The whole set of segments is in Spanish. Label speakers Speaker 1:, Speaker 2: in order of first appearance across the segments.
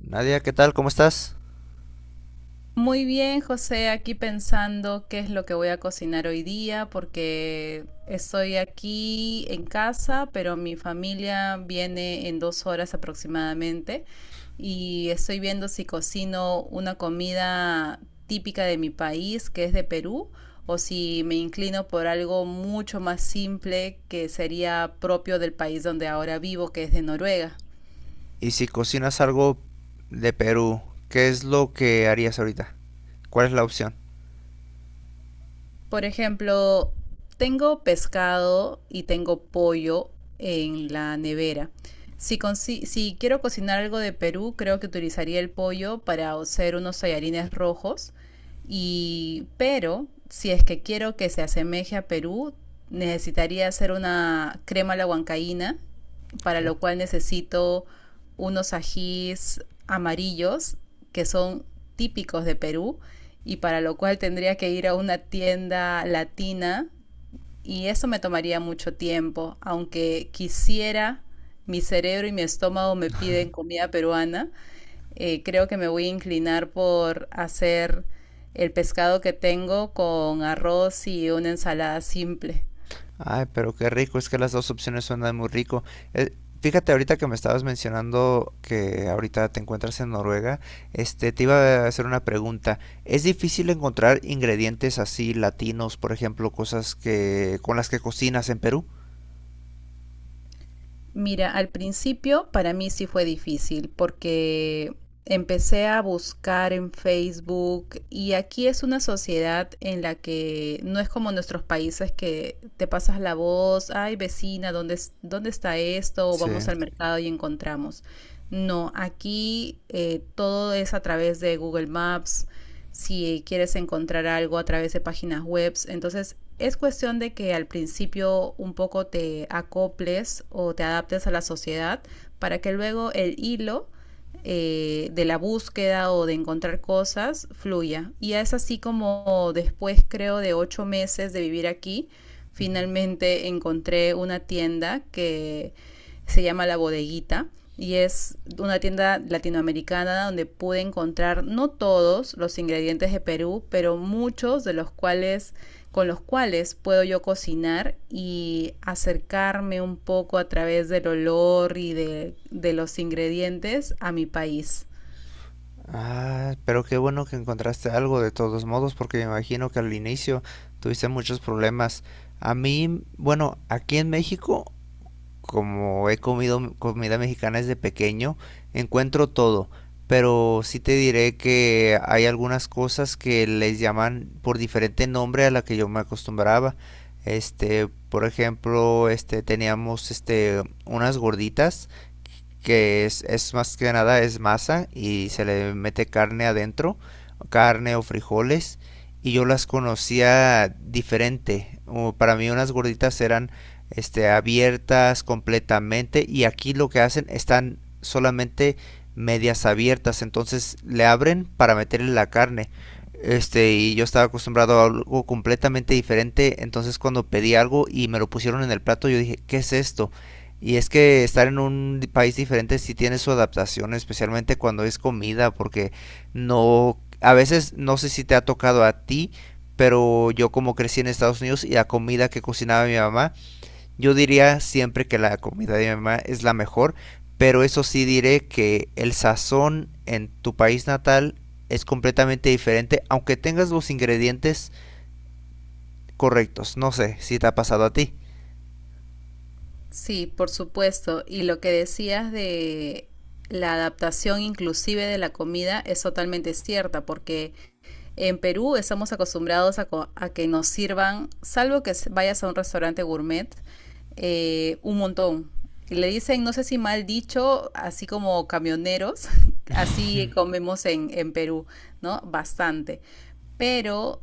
Speaker 1: Nadia, ¿qué tal? ¿Cómo estás?
Speaker 2: Muy bien, José, aquí pensando qué es lo que voy a cocinar hoy día, porque estoy aquí en casa, pero mi familia viene en 2 horas aproximadamente y estoy viendo si cocino una comida típica de mi país, que es de Perú, o si me inclino por algo mucho más simple que sería propio del país donde ahora vivo, que es de Noruega.
Speaker 1: Y si cocinas algo de Perú, ¿qué es lo que harías ahorita? ¿Cuál es la opción?
Speaker 2: Por ejemplo, tengo pescado y tengo pollo en la nevera. Si quiero cocinar algo de Perú, creo que utilizaría el pollo para hacer unos tallarines rojos. Y, pero si es que quiero que se asemeje a Perú, necesitaría hacer una crema a la huancaína, para
Speaker 1: ¿Sí?
Speaker 2: lo cual necesito unos ajís amarillos que son típicos de Perú y para lo cual tendría que ir a una tienda latina y eso me tomaría mucho tiempo, aunque quisiera, mi cerebro y mi estómago me piden comida peruana, creo que me voy a inclinar por hacer el pescado que tengo con arroz y una ensalada simple.
Speaker 1: Ay, pero qué rico, es que las dos opciones suenan muy rico. Eh, Fíjate ahorita que me estabas mencionando que ahorita te encuentras en Noruega, te iba a hacer una pregunta. ¿Es difícil encontrar ingredientes así latinos, por ejemplo, cosas que con las que cocinas en Perú?
Speaker 2: Mira, al principio para mí sí fue difícil porque empecé a buscar en Facebook y aquí es una sociedad en la que no es como nuestros países que te pasas la voz, ay vecina, ¿dónde está esto? O vamos
Speaker 1: Sí.
Speaker 2: al mercado y encontramos. No, aquí todo es a través de Google Maps, si quieres encontrar algo a través de páginas web. Entonces es cuestión de que al principio un poco te acoples o te adaptes a la sociedad para que luego el hilo de la búsqueda o de encontrar cosas fluya. Y es así como después, creo, de 8 meses de vivir aquí, finalmente encontré una tienda que se llama La Bodeguita y es una tienda latinoamericana donde pude encontrar no todos los ingredientes de Perú, pero muchos de los cuales con los cuales puedo yo cocinar y acercarme un poco a través del olor y de los ingredientes a mi país.
Speaker 1: Ah, pero qué bueno que encontraste algo de todos modos, porque me imagino que al inicio tuviste muchos problemas. A mí, bueno, aquí en México, como he comido comida mexicana desde pequeño, encuentro todo. Pero sí te diré que hay algunas cosas que les llaman por diferente nombre a la que yo me acostumbraba. Por ejemplo, teníamos unas gorditas que es más que nada es masa y se le mete carne adentro, carne o frijoles y yo las conocía diferente. Para mí unas gorditas eran abiertas completamente y aquí lo que hacen están solamente medias abiertas, entonces le abren para meterle la carne. Y yo estaba acostumbrado a algo completamente diferente, entonces cuando pedí algo y me lo pusieron en el plato, yo dije, ¿qué es esto? Y es que estar en un país diferente sí tiene su adaptación, especialmente cuando es comida, porque no, a veces no sé si te ha tocado a ti, pero yo como crecí en Estados Unidos y la comida que cocinaba mi mamá, yo diría siempre que la comida de mi mamá es la mejor, pero eso sí diré que el sazón en tu país natal es completamente diferente, aunque tengas los ingredientes correctos. No sé si te ha pasado a ti.
Speaker 2: Sí, por supuesto. Y lo que decías de la adaptación inclusive de la comida es totalmente cierta, porque en Perú estamos acostumbrados a que nos sirvan, salvo que vayas a un restaurante gourmet, un montón. Y le dicen, no sé si mal dicho, así como camioneros, así comemos en Perú, ¿no? Bastante. Pero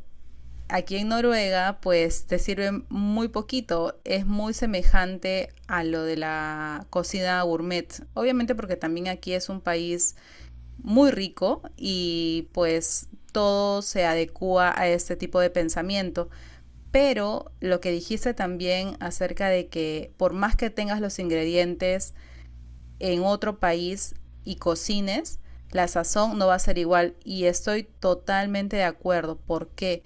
Speaker 2: aquí en Noruega, pues te sirve muy poquito. Es muy semejante a lo de la cocina gourmet. Obviamente porque también aquí es un país muy rico y pues todo se adecua a este tipo de pensamiento. Pero lo que dijiste también acerca de que por más que tengas los ingredientes, en otro país y cocines, la sazón no va a ser igual. Y estoy totalmente de acuerdo. ¿Por qué?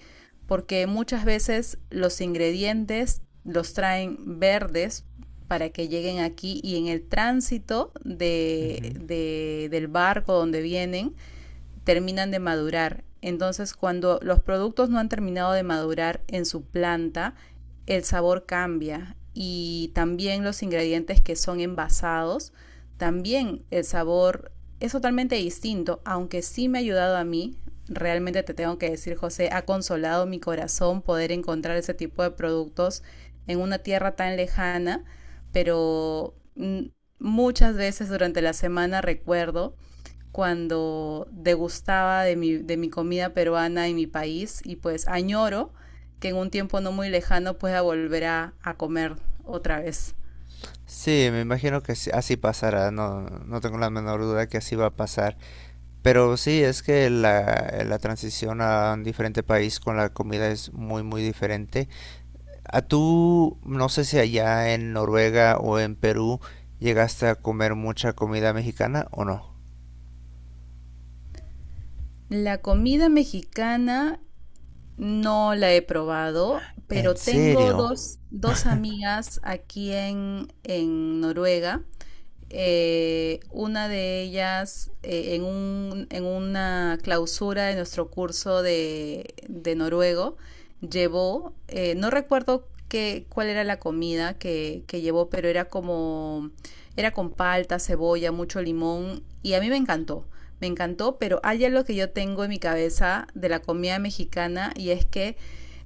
Speaker 2: Porque muchas veces los ingredientes los traen verdes para que lleguen aquí y en el tránsito de,
Speaker 1: Ujú.
Speaker 2: de, del barco donde vienen terminan de madurar. Entonces, cuando los productos no han terminado de madurar en su planta, el sabor cambia y también los ingredientes que son envasados, también el sabor es totalmente distinto, aunque sí me ha ayudado a mí, realmente te tengo que decir, José, ha consolado mi corazón poder encontrar ese tipo de productos en una tierra tan lejana, pero muchas veces durante la semana recuerdo cuando degustaba de mi comida peruana en mi país y pues añoro que en un tiempo no muy lejano pueda volver a comer otra vez.
Speaker 1: Sí, me imagino que así pasará, no, no tengo la menor duda que así va a pasar. Pero sí, es que la, la transición a un diferente país con la comida es muy, muy diferente. A tú, no sé si allá en Noruega o en Perú llegaste a comer mucha comida mexicana o no.
Speaker 2: La comida mexicana no la he probado,
Speaker 1: ¿En
Speaker 2: pero tengo
Speaker 1: serio?
Speaker 2: dos amigas aquí en Noruega. Una de ellas en una clausura de nuestro curso de noruego llevó, no recuerdo cuál era la comida que llevó, pero era con palta, cebolla, mucho limón y a mí me encantó. Me encantó, pero hay algo que yo tengo en mi cabeza de la comida mexicana y es que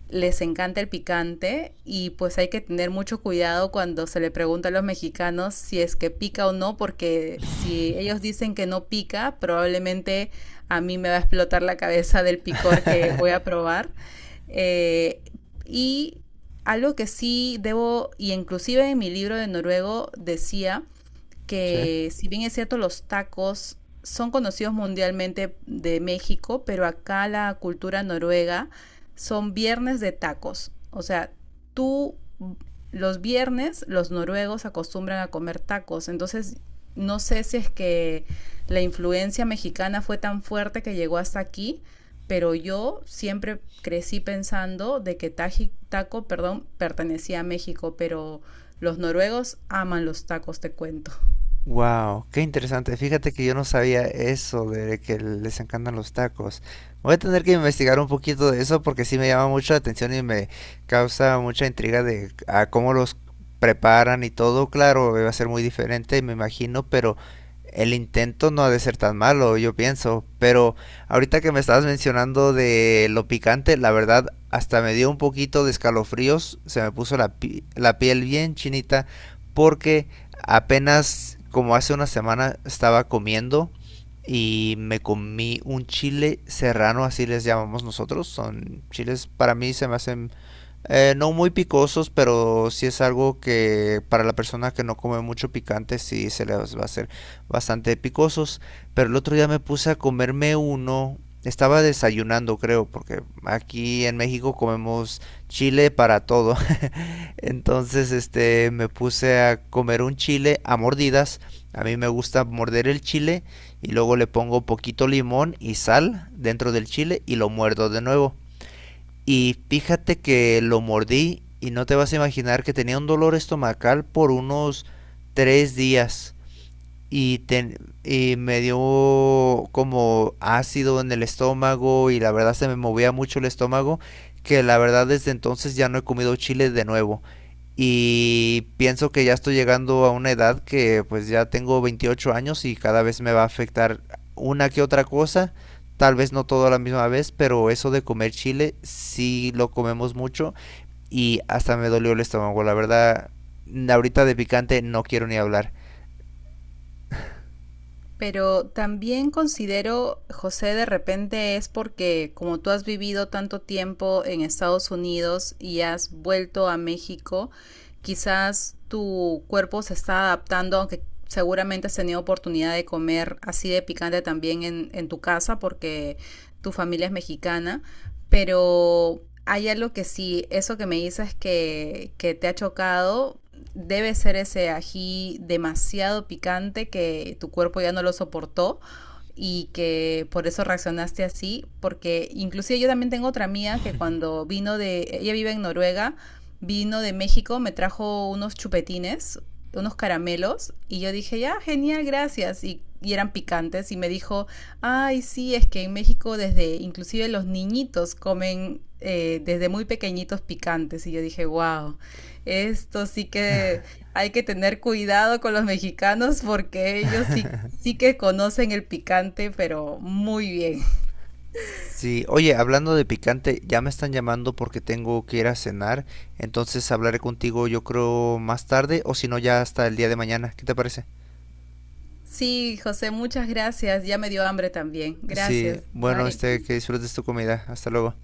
Speaker 2: les encanta el picante y pues hay que tener mucho cuidado cuando se le pregunta a los mexicanos si es que pica o no, porque si ellos dicen que no pica, probablemente a mí me va a explotar la cabeza del picor que voy a probar. Eh, y algo que sí debo, y inclusive en mi libro de noruego decía
Speaker 1: Sí.
Speaker 2: que si bien es cierto los tacos son conocidos mundialmente de México, pero acá la cultura noruega son viernes de tacos. O sea, tú los viernes los noruegos acostumbran a comer tacos. Entonces, no sé si es que la influencia mexicana fue tan fuerte que llegó hasta aquí, pero yo siempre crecí pensando de que taco pertenecía a México, pero los noruegos aman los tacos, te cuento.
Speaker 1: Wow, qué interesante. Fíjate que yo no sabía eso de que les encantan los tacos. Voy a tener que investigar un poquito de eso porque sí me llama mucho la atención y me causa mucha intriga de a cómo los preparan y todo. Claro, va a ser muy diferente, me imagino, pero el intento no ha de ser tan malo, yo pienso. Pero ahorita que me estabas mencionando de lo picante, la verdad, hasta me dio un poquito de escalofríos, se me puso la la piel bien chinita porque apenas como hace 1 semana estaba comiendo y me comí un chile serrano, así les llamamos nosotros. Son chiles, para mí se me hacen no muy picosos, pero sí es algo que para la persona que no come mucho picante sí se les va a hacer bastante picosos. Pero el otro día me puse a comerme uno. Estaba desayunando, creo, porque aquí en México comemos chile para todo. Entonces, me puse a comer un chile a mordidas. A mí me gusta morder el chile y luego le pongo poquito limón y sal dentro del chile y lo muerdo de nuevo. Y fíjate que lo mordí y no te vas a imaginar que tenía un dolor estomacal por unos 3 días. Y, ten- y me dio como ácido en el estómago y la verdad se me movía mucho el estómago que la verdad desde entonces ya no he comido chile de nuevo. Y pienso que ya estoy llegando a una edad que pues ya tengo 28 años y cada vez me va a afectar una que otra cosa. Tal vez no todo a la misma vez, pero eso de comer chile sí lo comemos mucho y hasta me dolió el estómago. La verdad, ahorita de picante no quiero ni hablar.
Speaker 2: Pero también considero, José, de repente es porque como tú has vivido tanto tiempo en Estados Unidos y has vuelto a México, quizás tu cuerpo se está adaptando, aunque seguramente has tenido oportunidad de comer así de picante también en tu casa porque tu familia es mexicana, pero hay algo que sí, eso que me dices que te ha chocado, debe ser ese ají demasiado picante que tu cuerpo ya no lo soportó y que por eso reaccionaste así, porque inclusive yo también tengo otra mía que cuando vino de, ella vive en Noruega, vino de México, me trajo unos chupetines, unos caramelos y yo dije, ya, genial, gracias. Y eran picantes y me dijo, ay, sí, es que en México desde, inclusive los niñitos comen desde muy pequeñitos picantes. Y yo dije, wow. Esto sí que hay que tener cuidado con los mexicanos porque ellos sí, sí que conocen el picante, pero muy bien.
Speaker 1: Sí, oye, hablando de picante, ya me están llamando porque tengo que ir a cenar, entonces hablaré contigo yo creo más tarde o si no ya hasta el día de mañana. ¿Qué te parece?
Speaker 2: Sí, José, muchas gracias. Ya me dio hambre también.
Speaker 1: Sí,
Speaker 2: Gracias.
Speaker 1: bueno,
Speaker 2: Bye.
Speaker 1: que disfrutes tu comida. Hasta luego.